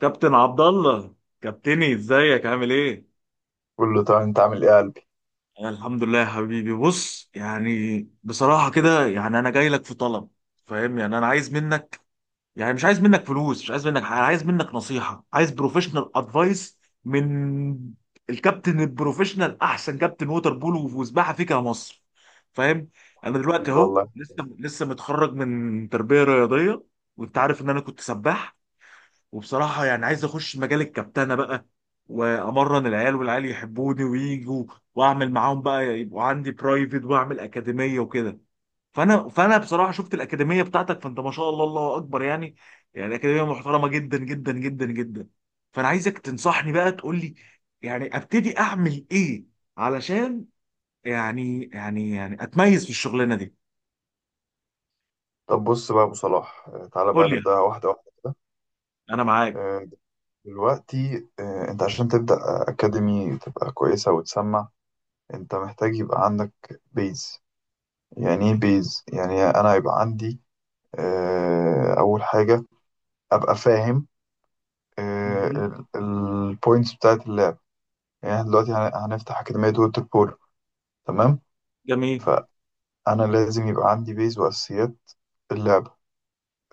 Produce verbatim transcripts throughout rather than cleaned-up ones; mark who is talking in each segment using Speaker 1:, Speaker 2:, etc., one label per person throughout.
Speaker 1: كابتن عبد الله، كابتني ازيك عامل ايه؟
Speaker 2: قول له طب انت عامل ايه يا قلبي.
Speaker 1: أنا الحمد لله يا حبيبي. بص يعني بصراحه كده، يعني انا جاي لك في طلب. فاهم؟ يعني انا عايز منك، يعني مش عايز منك فلوس، مش عايز منك حاجه، عايز منك نصيحه، عايز بروفيشنال ادفايس من الكابتن البروفيشنال، احسن كابتن ووتر بولو وسباحه فيك يا مصر. فاهم؟ انا
Speaker 2: قال
Speaker 1: دلوقتي
Speaker 2: له
Speaker 1: اهو
Speaker 2: والله.
Speaker 1: لسه لسه متخرج من تربيه رياضيه، وانت عارف ان انا كنت سباح. وبصراحة يعني عايز أخش مجال الكابتنة بقى، وأمرن العيال والعيال يحبوني ويجوا، وأعمل معاهم بقى يبقوا عندي برايفت، وأعمل أكاديمية وكده. فأنا فأنا بصراحة شفت الأكاديمية بتاعتك، فأنت ما شاء الله الله أكبر، يعني يعني أكاديمية محترمة جدا جدا جدا جدا. فأنا عايزك تنصحني بقى، تقول لي يعني أبتدي أعمل إيه، علشان يعني يعني يعني أتميز في الشغلانة دي.
Speaker 2: طب بص بقى يا ابو صلاح، آه، تعالى
Speaker 1: قول
Speaker 2: بقى
Speaker 1: لي
Speaker 2: نبدأها
Speaker 1: يعني.
Speaker 2: واحده واحده كده.
Speaker 1: أنا معاك.
Speaker 2: آه، دلوقتي آه، انت عشان تبدأ اكاديمي تبقى كويسه وتسمع، انت محتاج يبقى عندك بيز. يعني ايه
Speaker 1: أكيد.
Speaker 2: بيز؟ يعني انا يبقى عندي آه، اول حاجه ابقى فاهم
Speaker 1: مهم.
Speaker 2: البوينتس بتاعت اللعب. يعني احنا دلوقتي هن- هنفتح اكاديميه ووتر بولو، تمام.
Speaker 1: جميل.
Speaker 2: فانا لازم يبقى عندي بيز واساسيات اللعبه.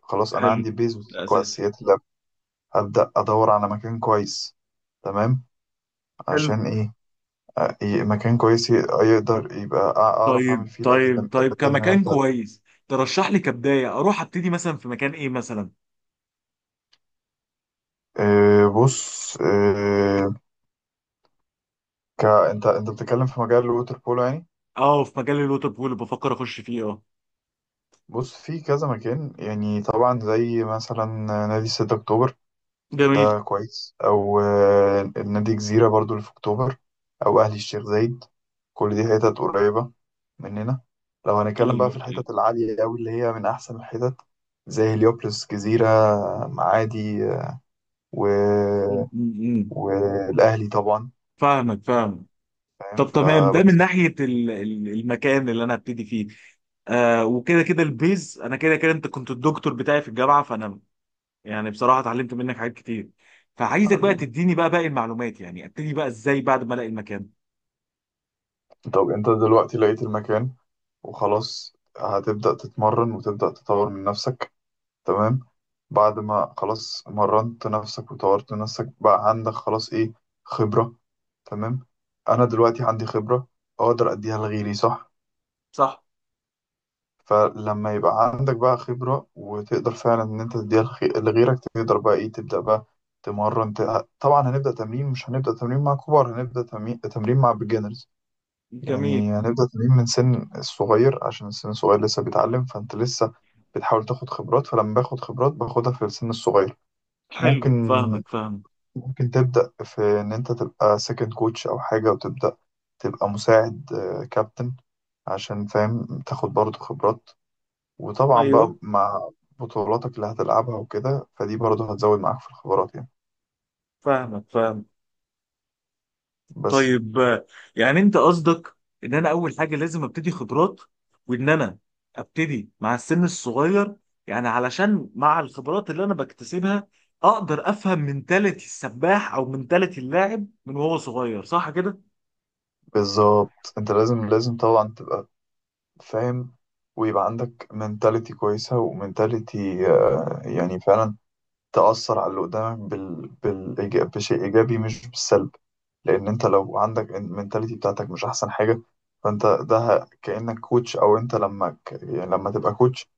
Speaker 2: خلاص انا
Speaker 1: حلو.
Speaker 2: عندي بيز
Speaker 1: ده أساسي.
Speaker 2: واساسيات اللعبه، أبدأ أدور على مكان كويس، تمام.
Speaker 1: حلو.
Speaker 2: عشان إيه؟ آه، ي- مكان كويس ي- يقدر يبقى أع- أعرف أعمل
Speaker 1: طيب
Speaker 2: فيه الأكاديم-
Speaker 1: طيب طيب،
Speaker 2: الأكاديمية
Speaker 1: كمكان
Speaker 2: بتاعتي.
Speaker 1: كويس ترشح لي كبداية اروح ابتدي مثلا في مكان ايه مثلا؟
Speaker 2: آه، بص، آه، ك... أنت أنت بتتكلم في مجال الووتر بولو يعني.
Speaker 1: اه، في مجال الوتر بول بفكر اخش فيه، اه.
Speaker 2: بص في كذا مكان، يعني طبعا زي مثلا نادي ستة أكتوبر،
Speaker 1: جميل.
Speaker 2: ده كويس، او آه، النادي جزيرة برضو اللي في اكتوبر، او اهلي الشيخ زايد، كل دي حتت قريبة مننا. لو هنتكلم بقى
Speaker 1: ايوه
Speaker 2: في
Speaker 1: ايوه.
Speaker 2: الحتت العالية أوي اللي هي من أحسن الحتت، زي هليوبلس جزيرة، معادي، و...
Speaker 1: م- م- م.
Speaker 2: والأهلي طبعا،
Speaker 1: فاهمك فاهمك
Speaker 2: فاهم؟
Speaker 1: طب تمام، ده من
Speaker 2: فبس.
Speaker 1: ناحية ال- ال- المكان اللي انا هبتدي فيه. آه، وكده كده البيز انا كده كده، انت كنت الدكتور بتاعي في الجامعه، فانا يعني بصراحه اتعلمت منك حاجات كتير. فعايزك بقى
Speaker 2: حبيبي،
Speaker 1: تديني بقى باقي المعلومات، يعني ابتدي بقى ازاي بعد ما الاقي المكان؟
Speaker 2: طب أنت دلوقتي لقيت المكان وخلاص هتبدأ تتمرن وتبدأ تطور من نفسك، تمام. بعد ما خلاص مرنت نفسك وطورت نفسك بقى عندك خلاص ايه؟ خبرة. تمام، انا دلوقتي عندي خبرة، اقدر اديها لغيري، صح.
Speaker 1: صح.
Speaker 2: فلما يبقى عندك بقى خبرة وتقدر فعلا ان انت تديها لخي- لغيرك تقدر بقى ايه؟ تبدأ بقى تمرن، ت- طبعا هنبدأ تمرين، مش هنبدأ تمرين مع كبار، هنبدأ تمرين تمرين مع بيجنرز.
Speaker 1: جميل.
Speaker 2: يعني هنبدأ تمرين من سن الصغير عشان السن الصغير لسه بيتعلم، فانت لسه بتحاول تاخد خبرات، فلما باخد خبرات باخدها في السن الصغير.
Speaker 1: حلو،
Speaker 2: ممكن
Speaker 1: فاهمك.
Speaker 2: ممكن تبدأ في إن أنت تبقى سكند كوتش أو حاجة، وتبدأ تبقى مساعد آه، كابتن، عشان فاهم تاخد برضه خبرات. وطبعا
Speaker 1: فاهم.
Speaker 2: بقى مع بطولاتك اللي هتلعبها وكده، فدي برضه هتزود معاك في الخبرات يعني،
Speaker 1: فاهمك. فاهم.
Speaker 2: بس.
Speaker 1: طيب آه، يعني انت قصدك ان انا اول حاجه لازم ابتدي خبرات، وان انا ابتدي مع السن الصغير، يعني علشان مع الخبرات اللي انا بكتسبها اقدر افهم منتاليتي السباح او منتاليتي اللاعب من وهو صغير، صح كده؟
Speaker 2: بالظبط، أنت لازم لازم طبعا تبقى فاهم، ويبقى عندك منتاليتي كويسة، ومنتاليتي يعني فعلا تأثر على اللي قدامك بال... بالإيجاب... بشيء إيجابي مش بالسلب. لأن أنت لو عندك المنتاليتي بتاعتك مش أحسن حاجة، فأنت ده ه- كأنك كوتش، أو أنت لما ك... يعني لما تبقى كوتش،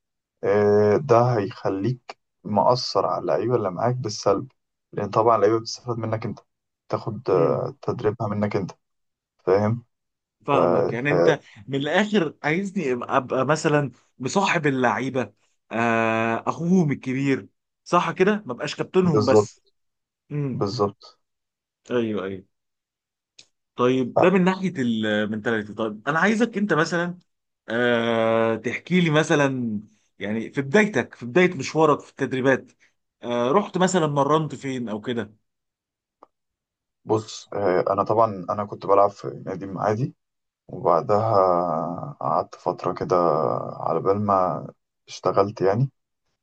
Speaker 2: آه، ده هيخليك مأثر على اللعيبة اللي معاك بالسلب، لأن طبعا اللعيبة بتستفاد منك أنت، تاخد
Speaker 1: امم.
Speaker 2: آه، تدريبها منك أنت، فاهم؟ ف...
Speaker 1: فاهمك، يعني
Speaker 2: ف...
Speaker 1: انت من الاخر عايزني ابقى أبقى مثلا مصاحب اللعيبه، آه، اخوهم الكبير، صح كده؟ ما بقاش كابتنهم بس.
Speaker 2: بالظبط
Speaker 1: امم.
Speaker 2: بالظبط.
Speaker 1: ايوه ايوه. طيب ده
Speaker 2: آه،
Speaker 1: من ناحيه المنتاليتي. طيب انا عايزك انت مثلا آه تحكي لي مثلا، يعني في بدايتك، في بدايه مشوارك في التدريبات، آه رحت مثلا مرنت فين او كده؟
Speaker 2: بص، آه، أنا طبعا أنا كنت بلعب في نادي عادي، وبعدها قعدت فترة كده على بال ما اشتغلت يعني.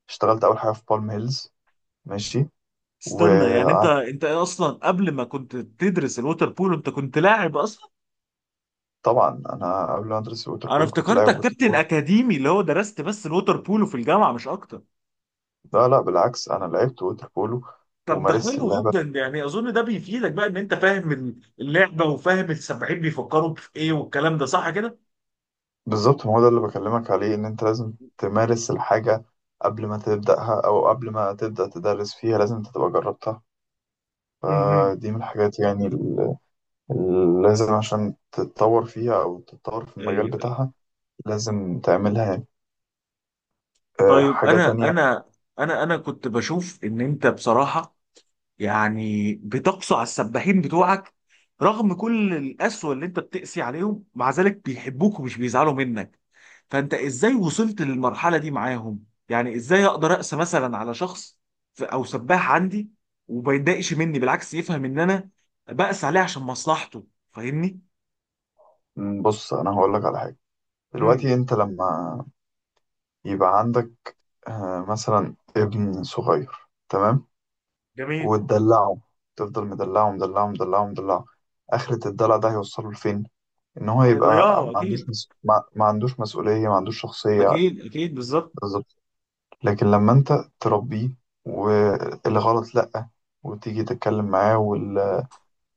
Speaker 2: اشتغلت أول حاجة في بالم هيلز، ماشي،
Speaker 1: استنى، يعني انت
Speaker 2: وقعدت.
Speaker 1: انت اصلا قبل ما كنت تدرس الووتر بولو انت كنت لاعب اصلا؟
Speaker 2: طبعا أنا قبل ما أدرس الوتر
Speaker 1: انا
Speaker 2: بولو كنت لاعب
Speaker 1: افتكرتك
Speaker 2: ووتر
Speaker 1: كابتن
Speaker 2: بولو.
Speaker 1: اكاديمي اللي هو درست بس الووتر بولو في الجامعه مش اكتر.
Speaker 2: لا لا بالعكس، أنا لعبت ووتر بولو
Speaker 1: طب ده
Speaker 2: ومارست
Speaker 1: حلو
Speaker 2: اللعبة.
Speaker 1: جدا، يعني اظن ده بيفيدك بقى ان انت فاهم ال- اللعبه وفاهم السبعين بيفكروا في ايه والكلام ده، صح كده؟
Speaker 2: بالظبط، ما هو ده اللي بكلمك عليه إن أنت لازم تمارس الحاجة قبل ما تبدأها، أو قبل ما تبدأ تدرس فيها لازم أنت تبقى جربتها.
Speaker 1: مهم.
Speaker 2: فدي من الحاجات يعني اللي لازم عشان تتطور فيها، أو تتطور في المجال
Speaker 1: ايوه.
Speaker 2: بتاعها لازم تعملها يعني. آه،
Speaker 1: طيب
Speaker 2: حاجة
Speaker 1: انا
Speaker 2: تانية.
Speaker 1: انا انا انا كنت بشوف ان انت بصراحه يعني بتقسو على السباحين بتوعك. رغم كل القسوه اللي انت بتقسي عليهم، مع ذلك بيحبوك ومش بيزعلوا منك. فانت ازاي وصلت للمرحله دي معاهم؟ يعني ازاي اقدر اقسى مثلا على شخص ف- او سباح عندي، وما يتضايقش مني، بالعكس يفهم ان انا بقسى عليه عشان مصلحته. فاهمني؟
Speaker 2: مم، بص أنا هقولك على حاجة. دلوقتي
Speaker 1: امم.
Speaker 2: أنت لما يبقى عندك آه، مثلا ابن صغير، تمام،
Speaker 1: جميل.
Speaker 2: وتدلعه، تفضل مدلعه مدلعه مدلعه مدلعه، آخرة الدلع ده هيوصله لفين؟ إن هو يبقى ما
Speaker 1: هيضيعه
Speaker 2: عندوش
Speaker 1: اكيد.
Speaker 2: مس... ما... ما عندوش مسؤولية، ما عندوش شخصية.
Speaker 1: اكيد اكيد، بالظبط.
Speaker 2: بالظبط، لكن لما أنت تربيه والغلط لأ، وتيجي تتكلم معاه وال...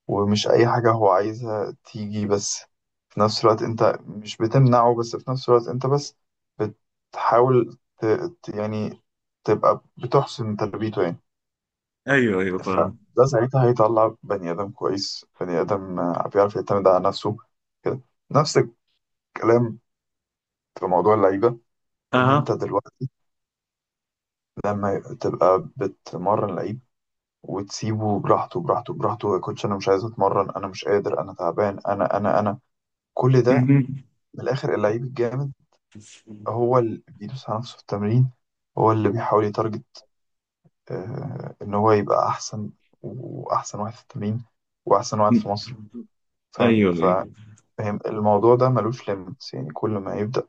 Speaker 2: ومش أي حاجة هو عايزها تيجي، بس في نفس الوقت أنت مش بتمنعه، بس في نفس الوقت أنت بس بتحاول ت... ت- يعني تبقى بتحسن تربيته يعني.
Speaker 1: ايوه ايوه، فاهم.
Speaker 2: فده ساعتها هيطلع بني آدم كويس، بني آدم آه، بيعرف يعتمد على نفسه كده. نفس الكلام في موضوع اللعيبة، إن أنت
Speaker 1: اها.
Speaker 2: دلوقتي لما تبقى بتمرن لعيب وتسيبه براحته براحته براحته، يا كوتش أنا مش عايز أتمرن، أنا مش قادر، أنا تعبان، أنا أنا أنا كل ده.
Speaker 1: مهم.
Speaker 2: من الآخر اللعيب الجامد هو اللي بيدوس على نفسه في التمرين، هو اللي بيحاول يتارجت آه، إن هو يبقى أحسن وأحسن واحد في التمرين، وأحسن واحد في مصر، فاهم؟
Speaker 1: ايوه
Speaker 2: ف-
Speaker 1: ايوه.
Speaker 2: فاهم الموضوع ده ملوش ليميتس يعني، كل ما يبدأ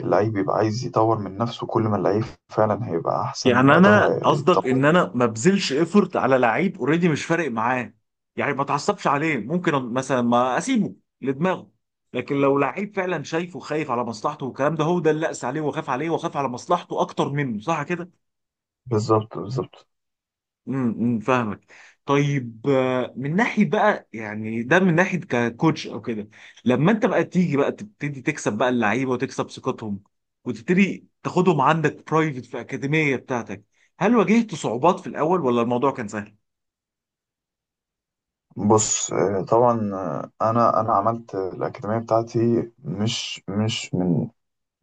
Speaker 2: اللعيب يبقى عايز يطور من نفسه كل ما اللعيب فعلا هيبقى أحسن
Speaker 1: يعني انا
Speaker 2: وأداؤه
Speaker 1: قصدك
Speaker 2: هيتطور.
Speaker 1: ان انا ما بذلش ايفورت على لعيب اوريدي مش فارق معاه، يعني ما اتعصبش عليه، ممكن مثلا ما اسيبه لدماغه. لكن لو لعيب فعلا شايفه خايف على مصلحته والكلام ده، هو ده اللي اقسى عليه وخاف عليه وخاف على مصلحته اكتر منه، صح كده؟
Speaker 2: بالظبط بالظبط.
Speaker 1: امم امم، فاهمك. طيب آه، من ناحيه بقى، يعني ده من ناحيه ككوتش او كده. لما انت بقى تيجي بقى تبتدي تكسب بقى اللعيبه وتكسب ثقتهم وتبتدي تاخدهم عندك برايفت في اكاديميه بتاعتك، هل واجهت صعوبات في الاول ولا الموضوع كان سهل؟
Speaker 2: بص، آه، طبعا آه، أنا أنا عملت الأكاديمية بتاعتي مش مش من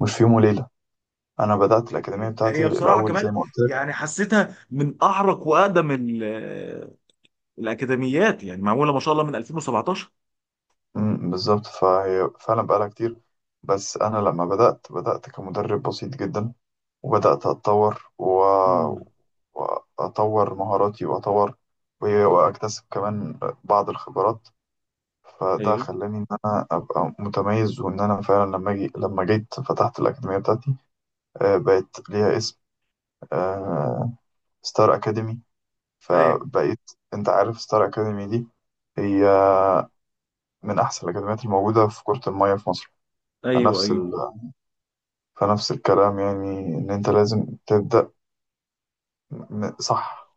Speaker 2: مش في يوم وليلة. أنا بدأت الأكاديمية
Speaker 1: هي
Speaker 2: بتاعتي
Speaker 1: بصراحه
Speaker 2: الأول زي
Speaker 1: كمان
Speaker 2: ما قلت.
Speaker 1: يعني حسيتها من اعرق واقدم ال- آه، الاكاديميات، يعني معموله ما شاء الله من ألفين وسبعتاشر.
Speaker 2: مم، بالظبط، فهي فعلا بقالها كتير. بس أنا لما بدأت بدأت كمدرب بسيط جدا، وبدأت أتطور و...
Speaker 1: امم.
Speaker 2: وأطور مهاراتي وأطور و- وأكتسب كمان بعض الخبرات. فده
Speaker 1: ايوه
Speaker 2: خلاني إن أنا أبقى متميز، وإن أنا فعلا لما جي... لما جيت فتحت الأكاديمية بتاعتي، آه، بقت ليها اسم، آه، ستار أكاديمي.
Speaker 1: ايوه
Speaker 2: فبقيت، أنت عارف ستار أكاديمي دي هي من أحسن الأكاديميات الموجودة في كرة المية في مصر.
Speaker 1: ايوه
Speaker 2: فنفس
Speaker 1: ايوه.
Speaker 2: ال... فنفس الكلام يعني ان انت لازم تبدأ م- صح،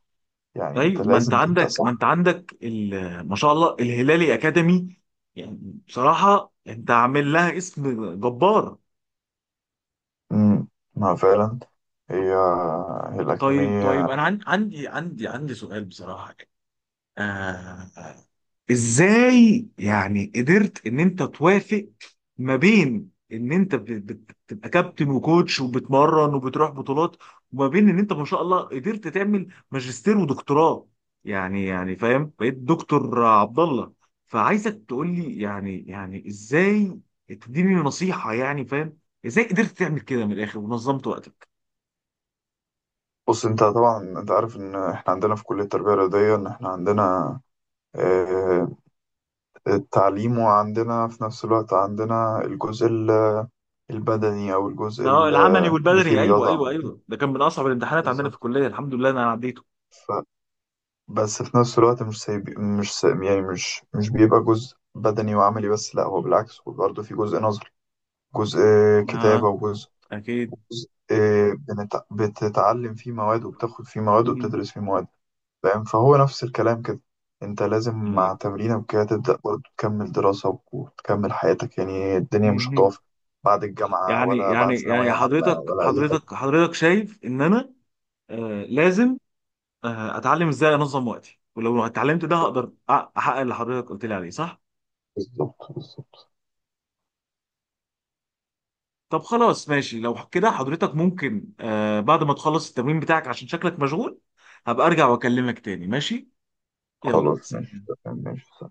Speaker 2: يعني انت
Speaker 1: ايوه ما انت
Speaker 2: لازم تبدأ
Speaker 1: عندك، ما انت
Speaker 2: صح.
Speaker 1: عندك ال- ما شاء الله الهلالي اكاديمي. يعني بصراحه انت عامل لها اسم جبار.
Speaker 2: امم، ما فعلا هي هي
Speaker 1: طيب طيب،
Speaker 2: الأكاديمية.
Speaker 1: انا عن- عندي عندي عندي سؤال بصراحه، آه. ازاي يعني قدرت ان انت توافق ما بين ان انت بت- بت- بتبقى كابتن وكوتش وبتمرن وبتروح بطولات، وما بين ان انت ما شاء الله قدرت تعمل ماجستير ودكتوراه؟ يعني يعني فاهم، بقيت دكتور عبد الله. فعايزك تقول لي يعني يعني ازاي، تديني نصيحة، يعني فاهم ازاي قدرت تعمل كده؟ من الاخر ونظمت وقتك.
Speaker 2: بص انت طبعا انت عارف ان احنا عندنا في كلية التربية الرياضية ان احنا عندنا آه، التعليم، وعندنا في نفس الوقت عندنا الجزء ال- البدني، او الجزء
Speaker 1: اه،
Speaker 2: ال-
Speaker 1: العملي
Speaker 2: اللي فيه
Speaker 1: والبدني، ايوه
Speaker 2: رياضة
Speaker 1: ايوه
Speaker 2: عموما.
Speaker 1: ايوه. ده كان من اصعب الامتحانات عندنا في
Speaker 2: بالظبط،
Speaker 1: الكلية، الحمد لله إن انا عديته.
Speaker 2: ف- بس في نفس الوقت مش سايب، مش سايب يعني مش مش بيبقى جزء بدني وعملي بس، لا هو بالعكس هو برضه في جزء نظري، جزء كتابة،
Speaker 1: اه.
Speaker 2: وجزء
Speaker 1: اكيد.
Speaker 2: جزء بنت- بتتعلم فيه مواد، وبتاخد فيه مواد،
Speaker 1: مهم.
Speaker 2: وبتدرس فيه مواد. فاهم، فهو نفس الكلام كده، انت لازم مع
Speaker 1: طيب.
Speaker 2: تمرينك وكده تبدأ برضه تكمل دراسة وتكمل حياتك، يعني الدنيا مش
Speaker 1: مهم.
Speaker 2: هتقف بعد الجامعة
Speaker 1: يعني
Speaker 2: ولا
Speaker 1: يعني
Speaker 2: بعد
Speaker 1: يعني
Speaker 2: ثانوية عامة
Speaker 1: حضرتك
Speaker 2: ولا أي حاجة.
Speaker 1: حضرتك حضرتك شايف ان انا آه لازم آه اتعلم ازاي انظم وقتي، ولو اتعلمت ده هقدر أ- احقق اللي حضرتك قلت لي عليه، صح؟
Speaker 2: بالظبط بالظبط،
Speaker 1: طب خلاص ماشي، لو كده حضرتك ممكن آه بعد ما تخلص التمرين بتاعك عشان شكلك مشغول هبقى ارجع واكلمك تاني، ماشي؟ يلا
Speaker 2: خلاص ماشي
Speaker 1: سلام.
Speaker 2: تمام، ماشي.